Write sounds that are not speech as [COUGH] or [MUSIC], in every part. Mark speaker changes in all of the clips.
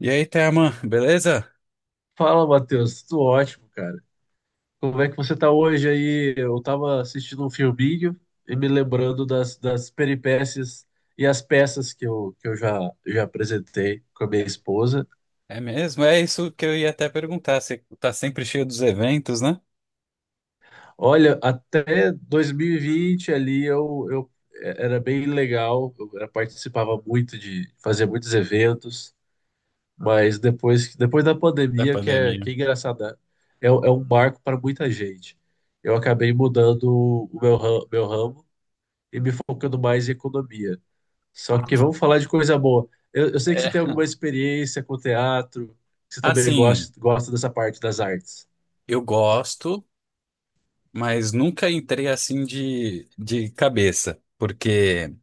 Speaker 1: E aí, Thelma, beleza?
Speaker 2: Fala, Matheus. Tudo ótimo, cara. Como é que você tá hoje aí? Eu tava assistindo um filminho e me lembrando das peripécias e as peças que eu já apresentei com a minha esposa.
Speaker 1: É mesmo? É isso que eu ia até perguntar. Você tá sempre cheio dos eventos, né?
Speaker 2: Olha, até 2020 ali era bem legal, participava muito de fazer muitos eventos, mas depois da
Speaker 1: Da
Speaker 2: pandemia, que é,
Speaker 1: pandemia.
Speaker 2: que é engraçado, né? É um marco para muita gente. Eu acabei mudando meu ramo e me focando mais em economia. Só que
Speaker 1: Ah.
Speaker 2: vamos falar de coisa boa. Eu sei que você tem
Speaker 1: É.
Speaker 2: alguma experiência com teatro, que você também
Speaker 1: Assim,
Speaker 2: gosta dessa parte das artes.
Speaker 1: eu gosto, mas nunca entrei assim de cabeça. Porque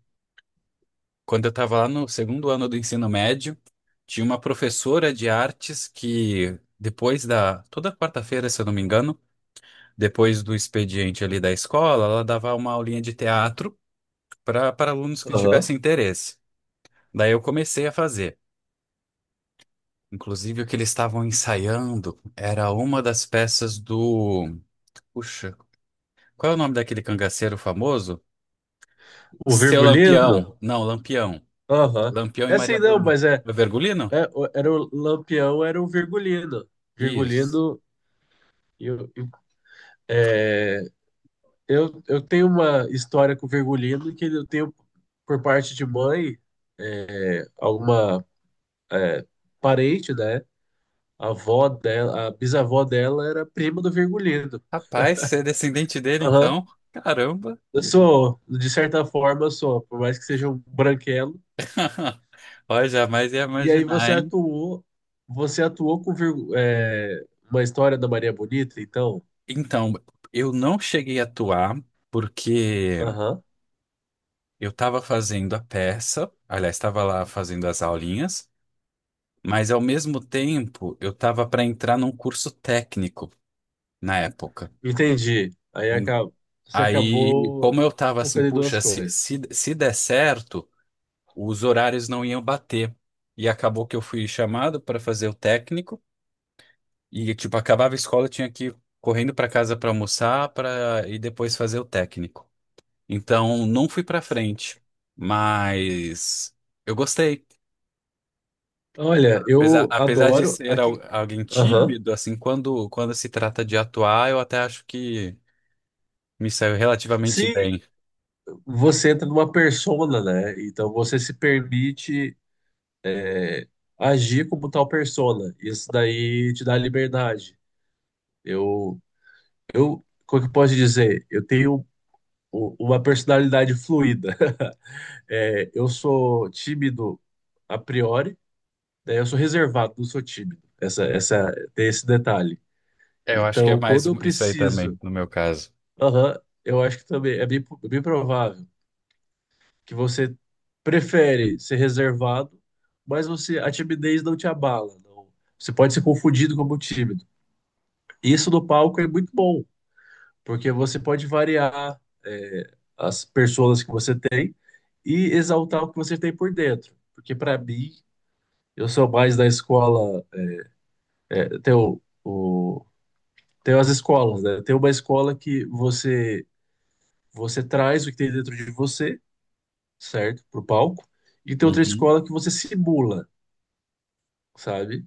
Speaker 1: quando eu tava lá no segundo ano do ensino médio, tinha uma professora de artes que depois da Toda quarta-feira, se eu não me engano, depois do expediente ali da escola, ela dava uma aulinha de teatro para alunos que
Speaker 2: Aham.
Speaker 1: tivessem interesse. Daí eu comecei a fazer. Inclusive, o que eles estavam ensaiando era uma das peças do. Puxa, qual é o nome daquele cangaceiro famoso?
Speaker 2: O
Speaker 1: Seu
Speaker 2: Virgulino?
Speaker 1: Lampião. Não, Lampião.
Speaker 2: Aham.
Speaker 1: Lampião e
Speaker 2: É assim
Speaker 1: Maria
Speaker 2: não,
Speaker 1: Bonita.
Speaker 2: mas
Speaker 1: É Vergulino?
Speaker 2: era o Lampião, era o Virgulino.
Speaker 1: Isso.
Speaker 2: Virgulino, eu, eu- é, eu tenho uma história com o Virgulino que eu tenho por parte de mãe, alguma é, parente, né? A avó dela, a bisavó dela era prima do Virgulino.
Speaker 1: Rapaz, você é descendente dele,
Speaker 2: Aham.
Speaker 1: então? Caramba!
Speaker 2: Eu sou, de certa forma, eu sou, por mais que seja um branquelo.
Speaker 1: [LAUGHS] Olha, jamais ia
Speaker 2: E aí
Speaker 1: imaginar, hein?
Speaker 2: você atuou com uma história da Maria Bonita, então?
Speaker 1: Então, eu não cheguei a atuar porque
Speaker 2: Aham.
Speaker 1: eu estava fazendo a peça, aliás, estava lá fazendo as aulinhas. Mas ao mesmo tempo, eu tava para entrar num curso técnico na época.
Speaker 2: Entendi. Aí
Speaker 1: E
Speaker 2: você
Speaker 1: aí,
Speaker 2: acabou
Speaker 1: como eu tava assim,
Speaker 2: focando em duas
Speaker 1: puxa, se,
Speaker 2: coisas.
Speaker 1: se, se der certo, os horários não iam bater. E acabou que eu fui chamado para fazer o técnico e tipo acabava a escola, eu tinha que ir correndo para casa para almoçar, para e depois fazer o técnico. Então, não fui para frente, mas eu gostei.
Speaker 2: Olha,
Speaker 1: Apesar,
Speaker 2: eu
Speaker 1: apesar de
Speaker 2: adoro
Speaker 1: ser
Speaker 2: aqui.
Speaker 1: alguém
Speaker 2: Aham.
Speaker 1: tímido, assim, quando se trata de atuar, eu até acho que me saiu relativamente
Speaker 2: Se
Speaker 1: bem.
Speaker 2: você entra numa persona, né? Então você se permite é, agir como tal persona. Isso daí te dá liberdade. Eu Eu, como é que eu posso dizer? Eu tenho uma personalidade fluida. [LAUGHS] É, eu sou tímido a priori, né? Eu sou reservado, não sou tímido. Essa, tem esse detalhe.
Speaker 1: Eu acho que é
Speaker 2: Então,
Speaker 1: mais
Speaker 2: quando eu
Speaker 1: isso aí também,
Speaker 2: preciso,
Speaker 1: no meu caso.
Speaker 2: aham, eu acho que também é bem provável que você prefere ser reservado, mas você, a timidez não te abala. Não. Você pode ser confundido como tímido. E isso no palco é muito bom, porque você pode variar, as pessoas que você tem e exaltar o que você tem por dentro. Porque para mim, eu sou mais da escola, é, tem o, o- tem as escolas, né? Tem uma escola que você traz o que tem dentro de você, certo? Pro palco. E tem outra
Speaker 1: Uhum.
Speaker 2: escola que você simula, sabe?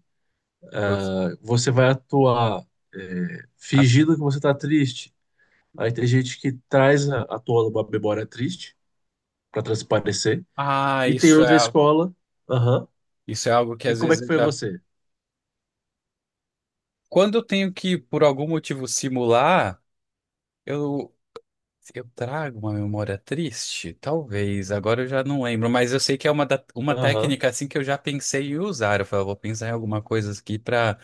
Speaker 1: Gost-
Speaker 2: Você vai atuar,
Speaker 1: a-
Speaker 2: fingindo que você tá triste. Aí tem gente que traz à tona uma memória triste para transparecer. E tem
Speaker 1: Isso é,
Speaker 2: outra escola. Aham.
Speaker 1: isso é algo que
Speaker 2: E
Speaker 1: às
Speaker 2: como é
Speaker 1: vezes
Speaker 2: que
Speaker 1: eu
Speaker 2: foi
Speaker 1: já.
Speaker 2: você?
Speaker 1: Quando eu tenho que, por algum motivo, simular, eu, eu trago uma memória triste? Talvez, agora eu já não lembro, mas eu sei que é uma, uma
Speaker 2: Aham,
Speaker 1: técnica assim que eu já pensei em usar. Eu falei, eu vou pensar em alguma coisa aqui para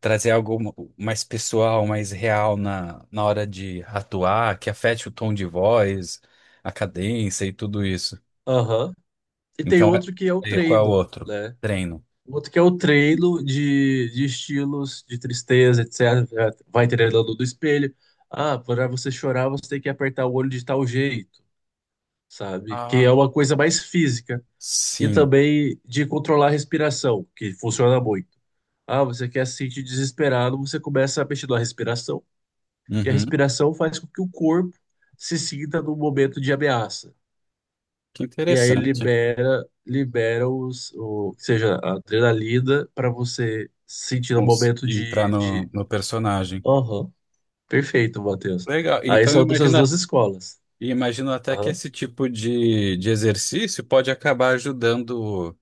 Speaker 1: trazer algo mais pessoal, mais real na hora de atuar, que afete o tom de voz, a cadência e tudo isso.
Speaker 2: aham. E tem
Speaker 1: Então,
Speaker 2: outro que é o
Speaker 1: qual é o
Speaker 2: treino,
Speaker 1: outro?
Speaker 2: né?
Speaker 1: Treino.
Speaker 2: O outro que é o treino de estilos, de tristeza, etc. Vai treinando do espelho. Ah, para você chorar, você tem que apertar o olho de tal jeito, sabe? Que é
Speaker 1: Ah,
Speaker 2: uma coisa mais física. E
Speaker 1: sim.
Speaker 2: também de controlar a respiração, que funciona muito. Ah, você quer se sentir desesperado, você começa a mexer na respiração. E a
Speaker 1: Uhum.
Speaker 2: respiração faz com que o corpo se sinta num momento de ameaça.
Speaker 1: Que
Speaker 2: E aí
Speaker 1: interessante.
Speaker 2: libera, seja, a adrenalina para você sentir no momento
Speaker 1: Conseguir entrar
Speaker 2: de,
Speaker 1: no,
Speaker 2: de...
Speaker 1: no personagem.
Speaker 2: Aham, perfeito, Matheus.
Speaker 1: Legal.
Speaker 2: Aí
Speaker 1: Então,
Speaker 2: são dessas duas escolas.
Speaker 1: imagino até que
Speaker 2: Aham,
Speaker 1: esse tipo de exercício pode acabar ajudando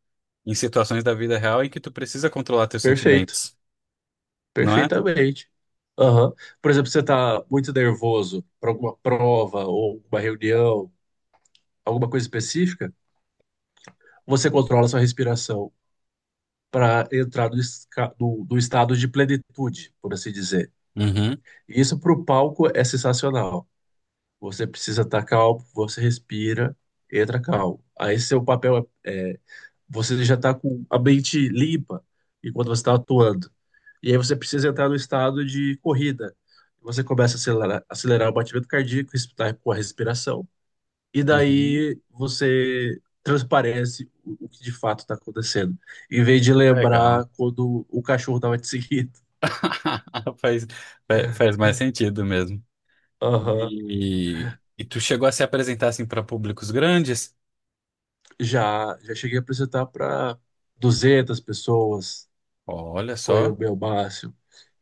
Speaker 1: em situações da vida real em que tu precisa controlar teus
Speaker 2: perfeito,
Speaker 1: sentimentos, não é?
Speaker 2: perfeitamente. Aham. Por exemplo, você está muito nervoso para alguma prova ou uma reunião, alguma coisa específica, você controla sua respiração para entrar do estado de plenitude, por assim dizer.
Speaker 1: Uhum.
Speaker 2: E isso para o palco é sensacional. Você precisa estar calmo, você respira, entra calmo. Aí seu papel é você já está com a mente limpa enquanto você está atuando. E aí você precisa entrar no estado de corrida. Você começa a acelerar, acelerar o batimento cardíaco, respirar com a respiração, e
Speaker 1: Uhum.
Speaker 2: daí você transparece o que de fato está acontecendo, em vez de
Speaker 1: Legal.
Speaker 2: lembrar quando o cachorro estava te seguindo.
Speaker 1: [LAUGHS] Faz, faz mais sentido mesmo.
Speaker 2: Aham.
Speaker 1: E tu chegou a se apresentar assim para públicos grandes?
Speaker 2: Já, cheguei a apresentar para 200 pessoas,
Speaker 1: Olha
Speaker 2: foi o
Speaker 1: só.
Speaker 2: meu máximo.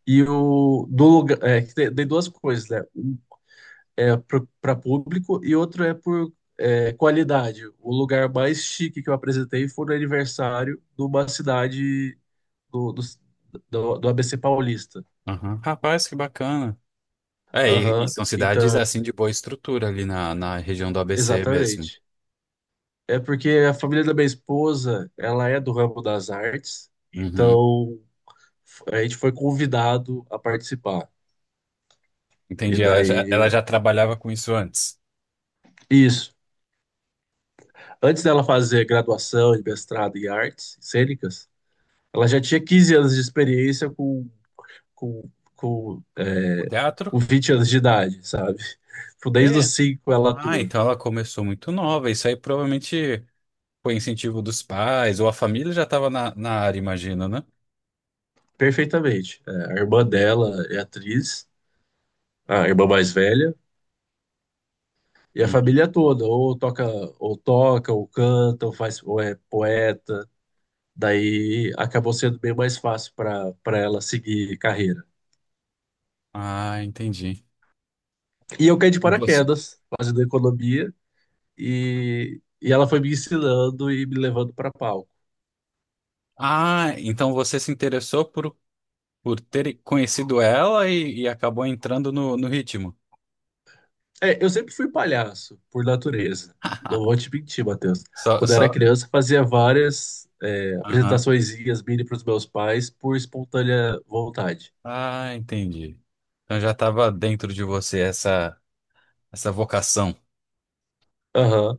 Speaker 2: E o do lugar, que tem duas coisas, né? Um é para público e outro é por qualidade. O lugar mais chique que eu apresentei foi no aniversário de uma cidade do, do, do ABC Paulista.
Speaker 1: Aham. Rapaz, que bacana. É, e
Speaker 2: Aham,
Speaker 1: são cidades
Speaker 2: então,
Speaker 1: assim de boa estrutura ali na região do ABC mesmo.
Speaker 2: exatamente. É porque a família da minha esposa, ela é do ramo das artes,
Speaker 1: Uhum.
Speaker 2: então a gente foi convidado a participar. E
Speaker 1: Entendi, ela já, ela
Speaker 2: daí,
Speaker 1: já trabalhava com isso antes.
Speaker 2: isso. Antes dela fazer graduação e mestrado em artes cênicas, ela já tinha 15 anos de experiência com, com,
Speaker 1: O
Speaker 2: é,
Speaker 1: teatro?
Speaker 2: com 20 anos de idade, sabe? Tipo, desde
Speaker 1: É.
Speaker 2: os 5 ela
Speaker 1: Ah,
Speaker 2: atua
Speaker 1: então ela começou muito nova. Isso aí provavelmente foi incentivo dos pais, ou a família já estava na área, imagina, né?
Speaker 2: perfeitamente. É, a irmã dela é atriz, a irmã mais velha, e a
Speaker 1: Uhum.
Speaker 2: família toda, ou toca, ou canta, ou faz, ou é poeta. Daí acabou sendo bem mais fácil para ela seguir carreira.
Speaker 1: Ah, entendi.
Speaker 2: E eu caí de
Speaker 1: E você?
Speaker 2: paraquedas, fazendo economia, e ela foi me ensinando e me levando para palco.
Speaker 1: Ah, então você se interessou por ter conhecido ela e acabou entrando no ritmo.
Speaker 2: É, eu sempre fui palhaço, por natureza. Não vou
Speaker 1: [LAUGHS]
Speaker 2: te mentir, Matheus.
Speaker 1: Só,
Speaker 2: Quando eu era
Speaker 1: só.
Speaker 2: criança, fazia várias
Speaker 1: Aham.
Speaker 2: apresentaçõezinhas mini para os meus pais por espontânea vontade.
Speaker 1: Ah, entendi. Então já estava dentro de você essa vocação.
Speaker 2: Aham.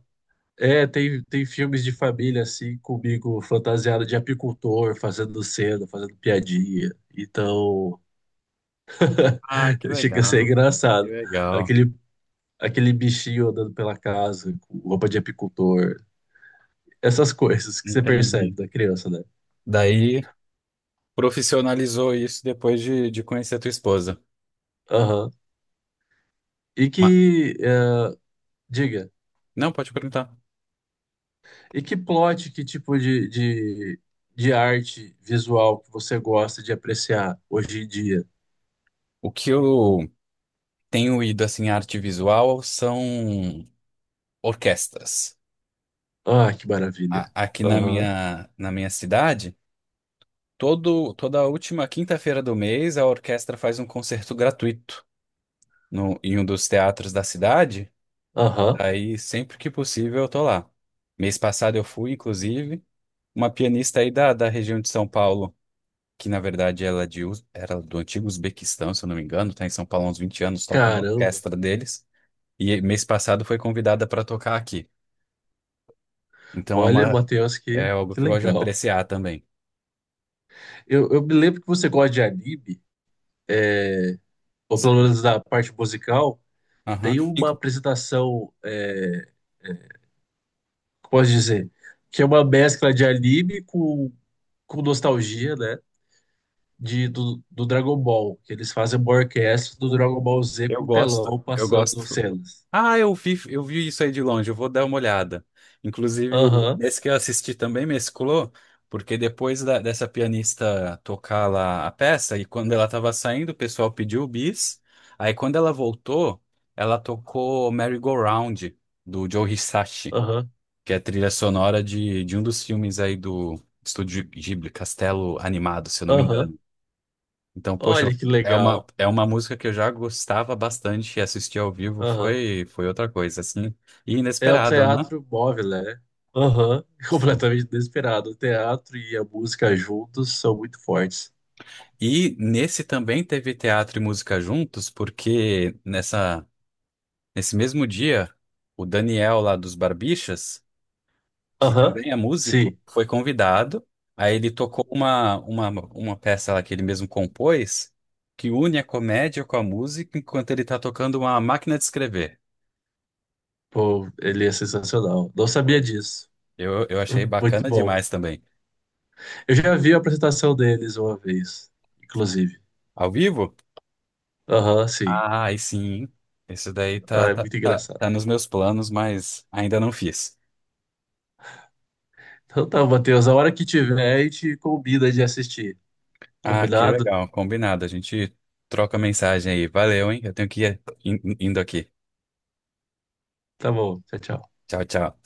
Speaker 2: É, tem filmes de família assim, comigo fantasiado de apicultor, fazendo cena, fazendo piadinha. Então,
Speaker 1: Ah, que
Speaker 2: [LAUGHS] chega a ser
Speaker 1: legal. Que
Speaker 2: engraçado.
Speaker 1: legal.
Speaker 2: Aquele, aquele bichinho andando pela casa com roupa de apicultor. Essas coisas que você
Speaker 1: Entendi.
Speaker 2: percebe da criança, né?
Speaker 1: Daí profissionalizou isso depois de conhecer a tua esposa.
Speaker 2: Aham. E
Speaker 1: Ma-
Speaker 2: que, diga.
Speaker 1: não, pode perguntar.
Speaker 2: E que plot, que tipo de arte visual que você gosta de apreciar hoje em dia?
Speaker 1: O que eu tenho ido assim, em arte visual são orquestras.
Speaker 2: Ah, que maravilha.
Speaker 1: Aqui na
Speaker 2: Aham,
Speaker 1: minha, na minha cidade. Toda a última quinta-feira do mês, a orquestra faz um concerto gratuito no, em um dos teatros da cidade.
Speaker 2: aham.
Speaker 1: Daí, sempre que possível, eu tô lá. Mês passado eu fui, inclusive, uma pianista aí da região de São Paulo, que na verdade ela é de, era do antigo Uzbequistão, se eu não me engano, tá em São Paulo há uns 20 anos, toca na
Speaker 2: Caramba.
Speaker 1: orquestra deles. E mês passado foi convidada para tocar aqui. Então é
Speaker 2: Olha,
Speaker 1: uma,
Speaker 2: Matheus,
Speaker 1: é
Speaker 2: que,
Speaker 1: algo
Speaker 2: que
Speaker 1: que eu gosto de
Speaker 2: legal.
Speaker 1: apreciar também.
Speaker 2: Eu me lembro que você gosta de anime, ou pelo
Speaker 1: Sim.
Speaker 2: menos da parte musical.
Speaker 1: Aham.
Speaker 2: Tem
Speaker 1: E-
Speaker 2: uma apresentação, como posso dizer, que é uma mescla de anime com nostalgia, né? Do Dragon Ball, que eles fazem uma orquestra do Dragon Ball Z com um telão
Speaker 1: Eu
Speaker 2: passando
Speaker 1: gosto.
Speaker 2: cenas.
Speaker 1: Ah, eu vi isso aí de longe, eu vou dar uma olhada. Inclusive,
Speaker 2: Aham,
Speaker 1: nesse que eu assisti também mesclou, porque depois dessa pianista tocar lá a peça, e quando ela estava saindo, o pessoal pediu o bis. Aí quando ela voltou, ela tocou Merry Go Round, do Joe Hisashi,
Speaker 2: aham,
Speaker 1: que é a trilha sonora de um dos filmes aí do Estúdio Ghibli, Castelo Animado, se eu não me
Speaker 2: aham.
Speaker 1: engano. Então, poxa,
Speaker 2: Olha que legal.
Speaker 1: é uma música que eu já gostava bastante e assistir ao vivo
Speaker 2: Aham.
Speaker 1: foi, foi outra coisa, assim, e
Speaker 2: É o
Speaker 1: inesperado, né?
Speaker 2: teatro móvel, né? Aham. [LAUGHS]
Speaker 1: Sim.
Speaker 2: Completamente desesperado. O teatro e a música juntos são muito fortes.
Speaker 1: E nesse também teve teatro e música juntos, porque nessa, nesse mesmo dia, o Daniel lá dos Barbixas, que
Speaker 2: Aham,
Speaker 1: também é músico,
Speaker 2: sim,
Speaker 1: foi convidado. Aí ele tocou uma peça lá que ele mesmo compôs, que une a comédia com a música, enquanto ele está tocando uma máquina de escrever.
Speaker 2: pô, ele é sensacional. Não sabia
Speaker 1: Foi.
Speaker 2: disso.
Speaker 1: Eu achei
Speaker 2: [LAUGHS] Muito
Speaker 1: bacana
Speaker 2: bom.
Speaker 1: demais também.
Speaker 2: Eu já vi a apresentação deles uma vez, inclusive.
Speaker 1: Ao vivo?
Speaker 2: Aham, sim.
Speaker 1: Ah, aí sim. Isso daí
Speaker 2: Ah, é muito engraçado.
Speaker 1: tá nos meus planos, mas ainda não fiz.
Speaker 2: Então tá, Matheus, a hora que tiver, a gente combina de assistir.
Speaker 1: Ah, que
Speaker 2: Combinado?
Speaker 1: legal. Combinado. A gente troca mensagem aí. Valeu, hein? Eu tenho que ir indo aqui.
Speaker 2: Tá bom, tchau, tchau.
Speaker 1: Tchau, tchau.